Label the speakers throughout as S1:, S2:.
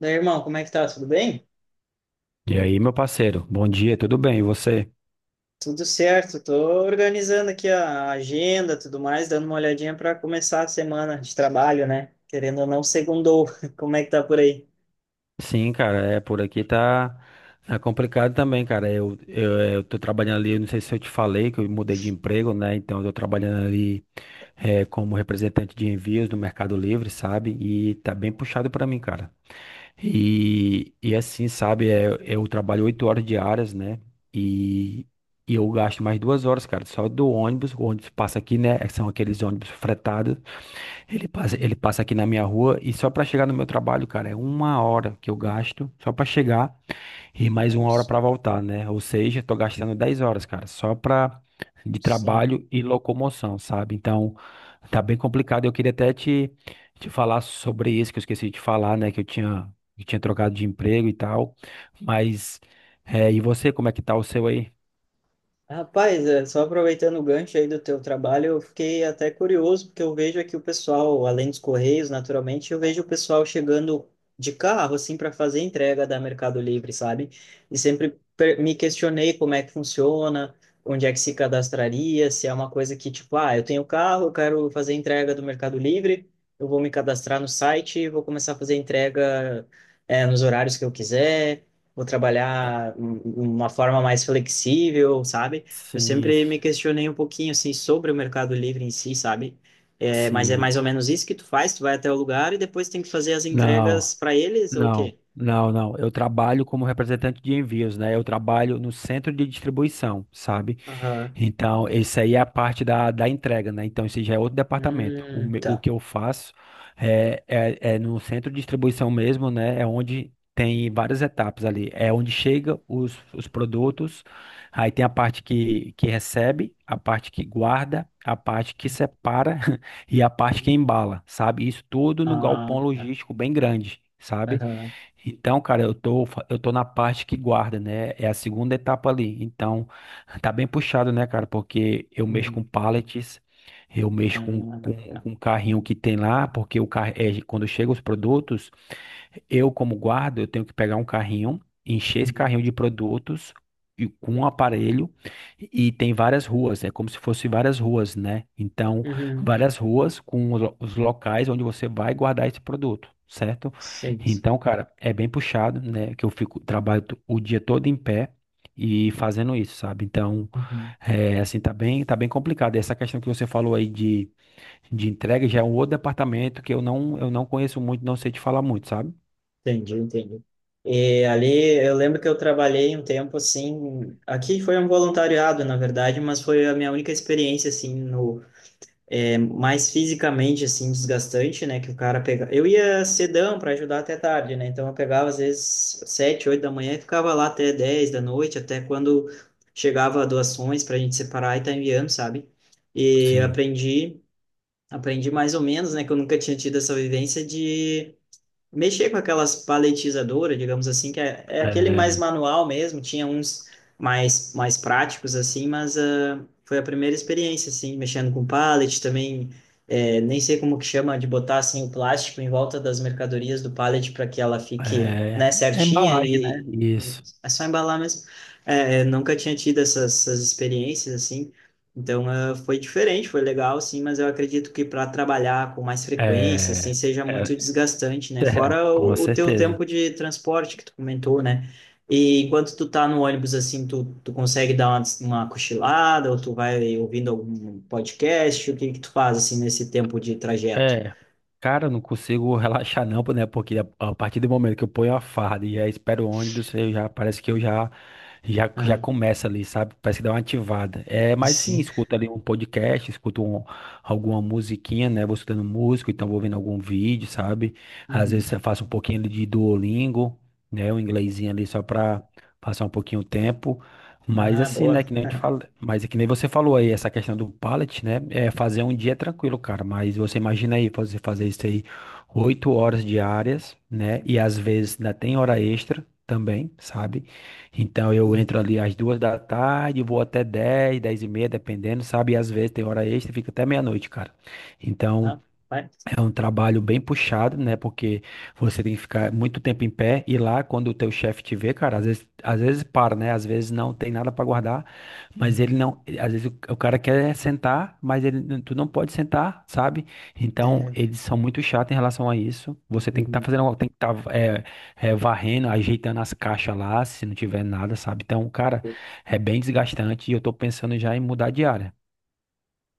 S1: Daí, irmão, como é que tá? Tudo bem?
S2: E aí, meu parceiro, bom dia, tudo bem? E você?
S1: Tudo certo. Tô organizando aqui a agenda, tudo mais, dando uma olhadinha para começar a semana de trabalho, né? Querendo ou não, segundou. Como é que tá por aí?
S2: Sim, cara, é por aqui tá complicado também, cara. Eu tô trabalhando ali. Eu não sei se eu te falei que eu mudei de emprego, né? Então eu tô trabalhando ali como representante de envios no Mercado Livre, sabe? E tá bem puxado pra mim, cara. E assim, sabe, eu trabalho 8 horas diárias, né? E, e eu gasto mais 2 horas, cara, só do ônibus. O ônibus passa aqui, né? São aqueles ônibus fretados. Ele passa, ele
S1: Uhum.
S2: passa aqui na minha rua, e só pra chegar no meu trabalho, cara, é uma hora que eu gasto só pra chegar e mais uma hora
S1: Nossa,
S2: pra voltar, né? Ou seja, tô gastando 10 horas, cara, só pra de
S1: sim.
S2: trabalho e locomoção, sabe? Então, tá bem complicado. Eu queria até te falar sobre isso que eu esqueci de falar, né? Que eu tinha trocado de emprego e tal. Mas, e você, como é que tá o seu aí?
S1: Rapaz, é, só aproveitando o gancho aí do teu trabalho, eu fiquei até curioso, porque eu vejo aqui o pessoal, além dos correios, naturalmente, eu vejo o pessoal chegando de carro, assim, para fazer entrega da Mercado Livre, sabe? E sempre me questionei como é que funciona, onde é que se cadastraria, se é uma coisa que, tipo, ah, eu tenho carro, eu quero fazer entrega do Mercado Livre, eu vou me cadastrar no site, e vou começar a fazer entrega, é, nos horários que eu quiser. Vou trabalhar uma forma mais flexível, sabe? Eu
S2: Sim,
S1: sempre me questionei um pouquinho assim sobre o Mercado Livre em si, sabe? É, mas é
S2: sim.
S1: mais ou menos isso que tu faz, tu vai até o lugar e depois tem que fazer as
S2: Não.
S1: entregas para eles ou o
S2: Não,
S1: quê?
S2: não, não. Eu trabalho como representante de envios, né? Eu trabalho no centro de distribuição, sabe?
S1: Aham.
S2: Então, esse aí é a parte da entrega, né? Então, esse já é outro departamento. O, me- o
S1: Tá.
S2: que eu faço é no centro de distribuição mesmo, né? É onde tem várias etapas ali. É onde chega os produtos. Aí tem a parte que recebe, a parte que guarda, a parte que separa e a parte que embala, sabe? Isso tudo no
S1: Ah,
S2: galpão
S1: tá.
S2: logístico bem grande. Sabe?
S1: Aham.
S2: Então, cara, eu tô na parte que guarda, né? É a segunda etapa ali. Então, tá bem puxado, né, cara? Porque eu mexo
S1: Uhum.
S2: com pallets, eu mexo com,
S1: Ah,
S2: com,
S1: tá.
S2: com um carrinho que tem lá, porque o carro, quando chegam os produtos. Eu, como guarda, eu tenho que pegar um carrinho, encher esse
S1: Uhum.
S2: carrinho de produtos e com um aparelho e tem várias ruas, é como se fosse várias ruas, né? Então,
S1: Uhum.
S2: várias ruas com os locais onde você vai guardar esse produto, certo?
S1: Sim.
S2: Então, cara, é bem puxado, né? Que eu fico o dia todo em pé e fazendo isso, sabe? Então,
S1: Uhum.
S2: assim, tá bem complicado. Essa questão que você falou aí de entrega já é um outro departamento que eu não conheço muito, não sei te falar muito, sabe?
S1: Entendi, entendi. E ali eu lembro que eu trabalhei um tempo assim, aqui foi um voluntariado, na verdade, mas foi a minha única experiência assim no é mais fisicamente, assim, desgastante, né? Que o cara pega. Eu ia cedão para ajudar até tarde, né? Então eu pegava às vezes 7, 8 da manhã e ficava lá até 10 da noite, até quando chegava doações para a gente separar e tá enviando, sabe? E
S2: Sim.
S1: aprendi, aprendi mais ou menos, né? Que eu nunca tinha tido essa vivência de mexer com aquelas paletizadoras, digamos assim, que é aquele
S2: É,
S1: mais manual mesmo, tinha uns mais, mais práticos, assim, mas ah, foi a primeira experiência, assim, mexendo com pallet também, é, nem sei como que chama, de botar, assim, o plástico em volta das mercadorias do pallet para que ela fique,
S2: é,
S1: né,
S2: é
S1: certinha
S2: embalagem, né?
S1: e
S2: Isso.
S1: é só embalar mesmo. É, eu nunca tinha tido essas experiências, assim, então, foi diferente, foi legal, sim, mas eu acredito que para trabalhar com mais frequência, assim,
S2: É,
S1: seja
S2: é,
S1: muito desgastante, né?
S2: é,
S1: Fora
S2: com
S1: o teu
S2: certeza.
S1: tempo de transporte que tu comentou, né? E enquanto tu tá no ônibus, assim, tu, tu consegue dar uma cochilada ou tu vai ouvindo algum podcast? O que que tu faz, assim, nesse tempo de trajeto?
S2: É, cara, eu não consigo relaxar não, né? Porque a partir do momento que eu ponho a farda e já espero o ônibus, eu já parece que eu já
S1: Aham.
S2: começa ali, sabe? Parece que dá uma ativada. É, mas sim,
S1: Sim.
S2: escuto ali um podcast, alguma musiquinha, né? Vou escutando música, então vou vendo algum vídeo, sabe? Às
S1: Uhum.
S2: vezes eu faço um pouquinho ali de Duolingo, né? Um inglesinho ali só pra passar um pouquinho o tempo. Mas
S1: Ah,
S2: assim, né,
S1: boa.
S2: que nem eu te falo, mas é que nem você falou aí, essa questão do pallet, né, é fazer um dia tranquilo, cara, mas você imagina aí, você fazer isso aí 8 horas diárias, né, e às vezes ainda tem hora extra também, sabe? Então eu
S1: Uhum.
S2: entro ali às 2 da tarde, vou até 10, 10h30, dependendo, sabe? E às vezes tem hora extra, e fica até meia-noite, cara. Então,
S1: Ah, vai.
S2: é um trabalho bem puxado, né? Porque você tem que ficar muito tempo em pé e lá, quando o teu chefe te vê, cara, às vezes para, né? Às vezes não tem nada para guardar, mas ele
S1: Uhum.
S2: não, às vezes o cara quer sentar, mas ele, não- tu não pode sentar, sabe? Então,
S1: É.
S2: eles são muito chatos em relação a isso. Você tem que estar
S1: Uhum.
S2: fazendo, algo, tem que estar varrendo, ajeitando as caixas lá, se não tiver nada, sabe? Então, cara, é bem desgastante e eu tô pensando já em mudar de área.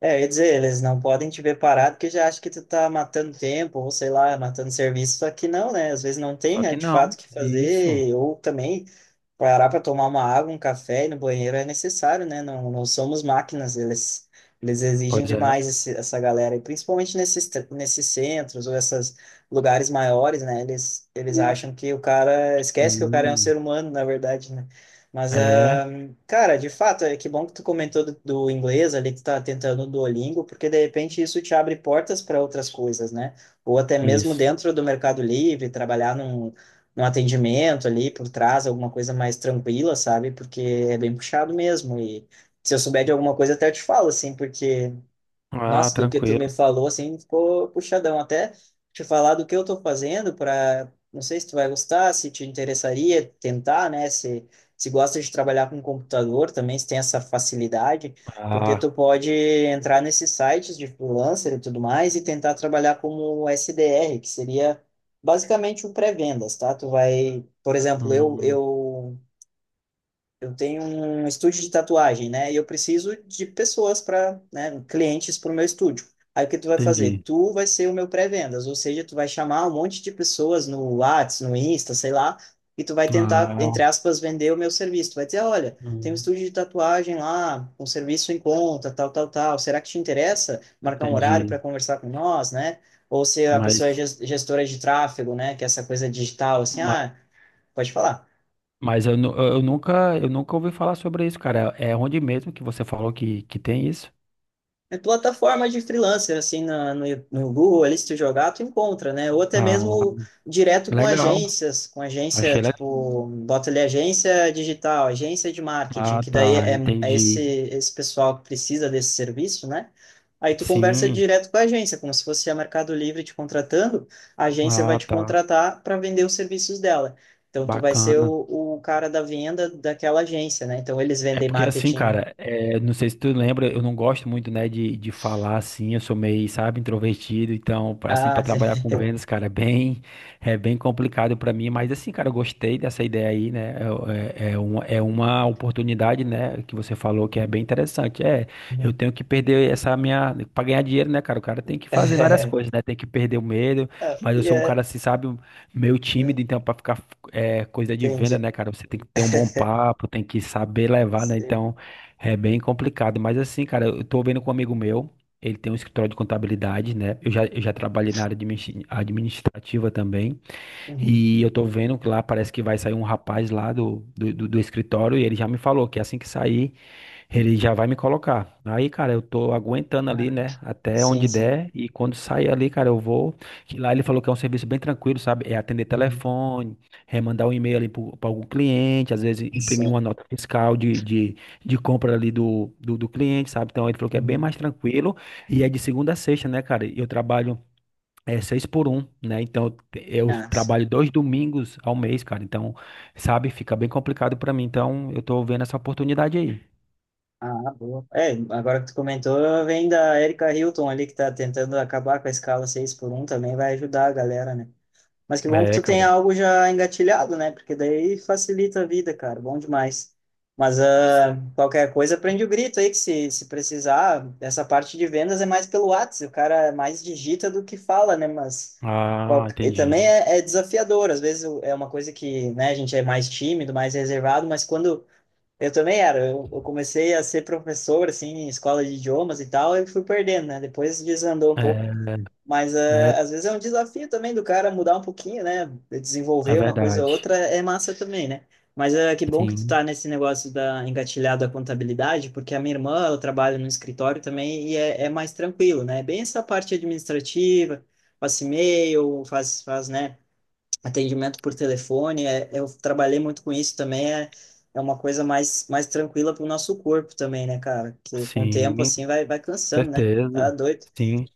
S1: É, eu ia dizer, eles não podem te ver parado porque já acham que tu tá matando tempo, ou sei lá, matando serviço, só que não, né? Às vezes não tem,
S2: Só
S1: né,
S2: que
S1: de fato, o
S2: não,
S1: que
S2: isso.
S1: fazer, ou também. Parar para tomar uma água, um café e ir no banheiro é necessário, né? Não, não somos máquinas, eles exigem
S2: Pois é.
S1: demais essa galera, e principalmente nesses centros ou esses lugares maiores, né? Eles acham que o cara, esquece que o cara é um
S2: Sim.
S1: ser humano, na verdade, né? Mas,
S2: É,
S1: ah, cara, de fato, é que bom que tu comentou do, do inglês ali, que tu tá tentando o Duolingo, porque de repente isso te abre portas para outras coisas, né? Ou até mesmo
S2: isso.
S1: dentro do Mercado Livre, trabalhar um atendimento ali por trás, alguma coisa mais tranquila, sabe? Porque é bem puxado mesmo. E se eu souber de alguma coisa, até eu te falo, assim, porque
S2: Ah,
S1: nossa, do que tu
S2: tranquilo.
S1: me falou, assim, ficou puxadão. Até te falar do que eu tô fazendo para, não sei se tu vai gostar, se te interessaria tentar, né? Se gosta de trabalhar com computador também, se tem essa facilidade, porque
S2: Ah,
S1: tu pode entrar nesses sites de freelancer e tudo mais e tentar trabalhar como SDR, que seria basicamente o pré-vendas, tá? Tu vai, por exemplo, eu,
S2: hum,
S1: eu eu tenho um estúdio de tatuagem, né? E eu preciso de pessoas para, né, clientes para o meu estúdio. Aí o que tu vai fazer?
S2: entendi.
S1: Tu vai ser o meu pré-vendas, ou seja, tu vai chamar um monte de pessoas no Whats, no Insta, sei lá, e tu vai tentar,
S2: Ah,
S1: entre aspas, vender o meu serviço. Tu vai dizer, olha, tem um
S2: hum,
S1: estúdio de tatuagem lá, um serviço em conta, tal, tal, tal. Será que te interessa marcar um horário para
S2: entendi.
S1: conversar com nós, né? Ou se a
S2: Mas,
S1: pessoa é gestora de tráfego, né? Que é essa coisa digital, assim,
S2: ma-
S1: ah, pode falar.
S2: mas eu nunca ouvi falar sobre isso, cara. É onde mesmo que você falou que tem isso?
S1: É plataforma de freelancer, assim, na, no, no Google, ali, se tu jogar, tu encontra, né? Ou até mesmo
S2: Ah,
S1: direto com
S2: legal.
S1: agências, com agência,
S2: Achei legal.
S1: tipo, bota ali agência digital, agência de marketing,
S2: Ah,
S1: que daí
S2: tá,
S1: é, é esse,
S2: entendi.
S1: esse pessoal que precisa desse serviço, né? Aí tu conversa
S2: Sim.
S1: direto com a agência, como se fosse a Mercado Livre te contratando, a agência vai
S2: Ah,
S1: te
S2: tá.
S1: contratar para vender os serviços dela. Então, tu vai ser
S2: Bacana.
S1: o cara da venda daquela agência, né? Então, eles
S2: É
S1: vendem
S2: porque assim,
S1: marketing...
S2: cara, não sei se tu lembra, eu não gosto muito, né, de falar assim, eu sou meio, sabe, introvertido, então, assim,
S1: Ah,
S2: para trabalhar com vendas, cara, é bem complicado pra mim, mas assim, cara, eu gostei dessa ideia aí, né, é uma oportunidade, né, que você falou que é bem interessante, eu tenho que perder essa minha, pra ganhar dinheiro, né, cara, o cara tem que fazer várias coisas, né, tem que perder o medo,
S1: Ah,
S2: mas eu
S1: e
S2: sou um
S1: é.
S2: cara, assim, sabe, meio tímido, então, para ficar coisa de venda,
S1: Entendi.
S2: né, cara? Você tem que ter um bom papo, tem que saber levar, né?
S1: Sim.
S2: Então, é bem complicado. Mas assim, cara, eu tô vendo com um amigo meu, ele tem um escritório de contabilidade, né? Eu já trabalhei na área administrativa também.
S1: Uhum.
S2: E eu tô vendo que lá parece que vai sair um rapaz lá do escritório, e ele já me falou que assim que sair. Ele já vai me colocar. Aí, cara, eu tô aguentando ali,
S1: Ah,
S2: né? Até
S1: Sim,
S2: onde
S1: sim.
S2: der. E quando sair ali, cara, eu vou. Que lá ele falou que é um serviço bem tranquilo, sabe? É atender
S1: Uhum.
S2: telefone, é mandar um e-mail ali para algum cliente, às vezes imprimir
S1: Sim.
S2: uma nota fiscal de compra ali do cliente, sabe? Então ele falou que é bem
S1: Uhum.
S2: mais tranquilo. E é de segunda a sexta, né, cara? E eu trabalho. É seis por um, né? Então eu
S1: Ah, sim.
S2: trabalho 2 domingos ao mês, cara. Então, sabe, fica bem complicado pra mim. Então, eu tô vendo essa oportunidade aí.
S1: Ah, boa. É, agora que tu comentou, vem da Erika Hilton ali, que tá tentando acabar com a escala 6x1 também vai ajudar a galera, né? Mas que bom que
S2: É,
S1: tu tem
S2: cara.
S1: algo já engatilhado, né? Porque daí facilita a vida, cara. Bom demais. Mas ah,
S2: Sim.
S1: qualquer coisa, prende o grito aí, que se precisar, essa parte de vendas é mais pelo WhatsApp. O cara mais digita do que fala, né? Mas
S2: Ah,
S1: e também
S2: entendi.
S1: é, é desafiador. Às vezes é uma coisa que, né, a gente é mais tímido, mais reservado, mas quando eu também era. Eu comecei a ser professor, assim, em escola de idiomas e tal, e fui perdendo, né? Depois desandou um pouco.
S2: É,
S1: Mas eh,
S2: é,
S1: às vezes é um desafio também do cara mudar um pouquinho, né?
S2: é
S1: Desenvolver uma coisa ou
S2: verdade.
S1: outra é massa também, né? Mas é que bom que tu
S2: Sim,
S1: tá nesse negócio da engatilhado à contabilidade, porque a minha irmã, ela trabalha no escritório também e é, é mais tranquilo, né? É bem essa parte administrativa, passa e-mail, faz, faz, né? Atendimento por telefone, é, eu trabalhei muito com isso também, é, é uma coisa mais, mais tranquila para o nosso corpo também, né, cara? Que com o tempo,
S2: sim,
S1: assim, vai, vai cansando, né? Tá
S2: certeza.
S1: doido.
S2: Sim.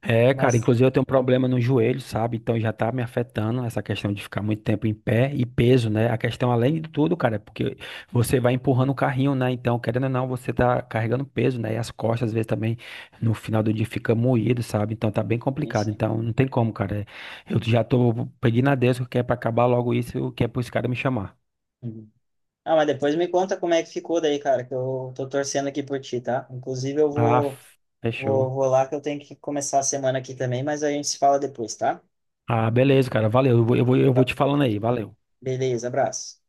S2: É, cara,
S1: Mas,
S2: inclusive eu tenho um problema no joelho, sabe? Então já tá me afetando essa questão de ficar muito tempo em pé e peso, né? A questão, além de tudo, cara, é porque você vai empurrando o carrinho, né? Então, querendo ou não, você tá carregando peso, né? E as costas, às vezes, também no final do dia fica moído, sabe? Então tá bem complicado.
S1: enfim.
S2: Então não tem como, cara. Eu já tô pedindo a Deus que é pra acabar logo isso, que é pros caras me chamar.
S1: Uhum. Ah, mas depois me conta como é que ficou daí, cara, que eu tô torcendo aqui por ti, tá? Inclusive, eu
S2: Ah,
S1: vou, vou,
S2: fechou.
S1: vou lá que eu tenho que começar a semana aqui também, mas a gente se fala depois, tá?
S2: Ah, beleza, cara. Valeu. Eu vou
S1: Va-
S2: te falando aí. Valeu.
S1: Beleza, abraço.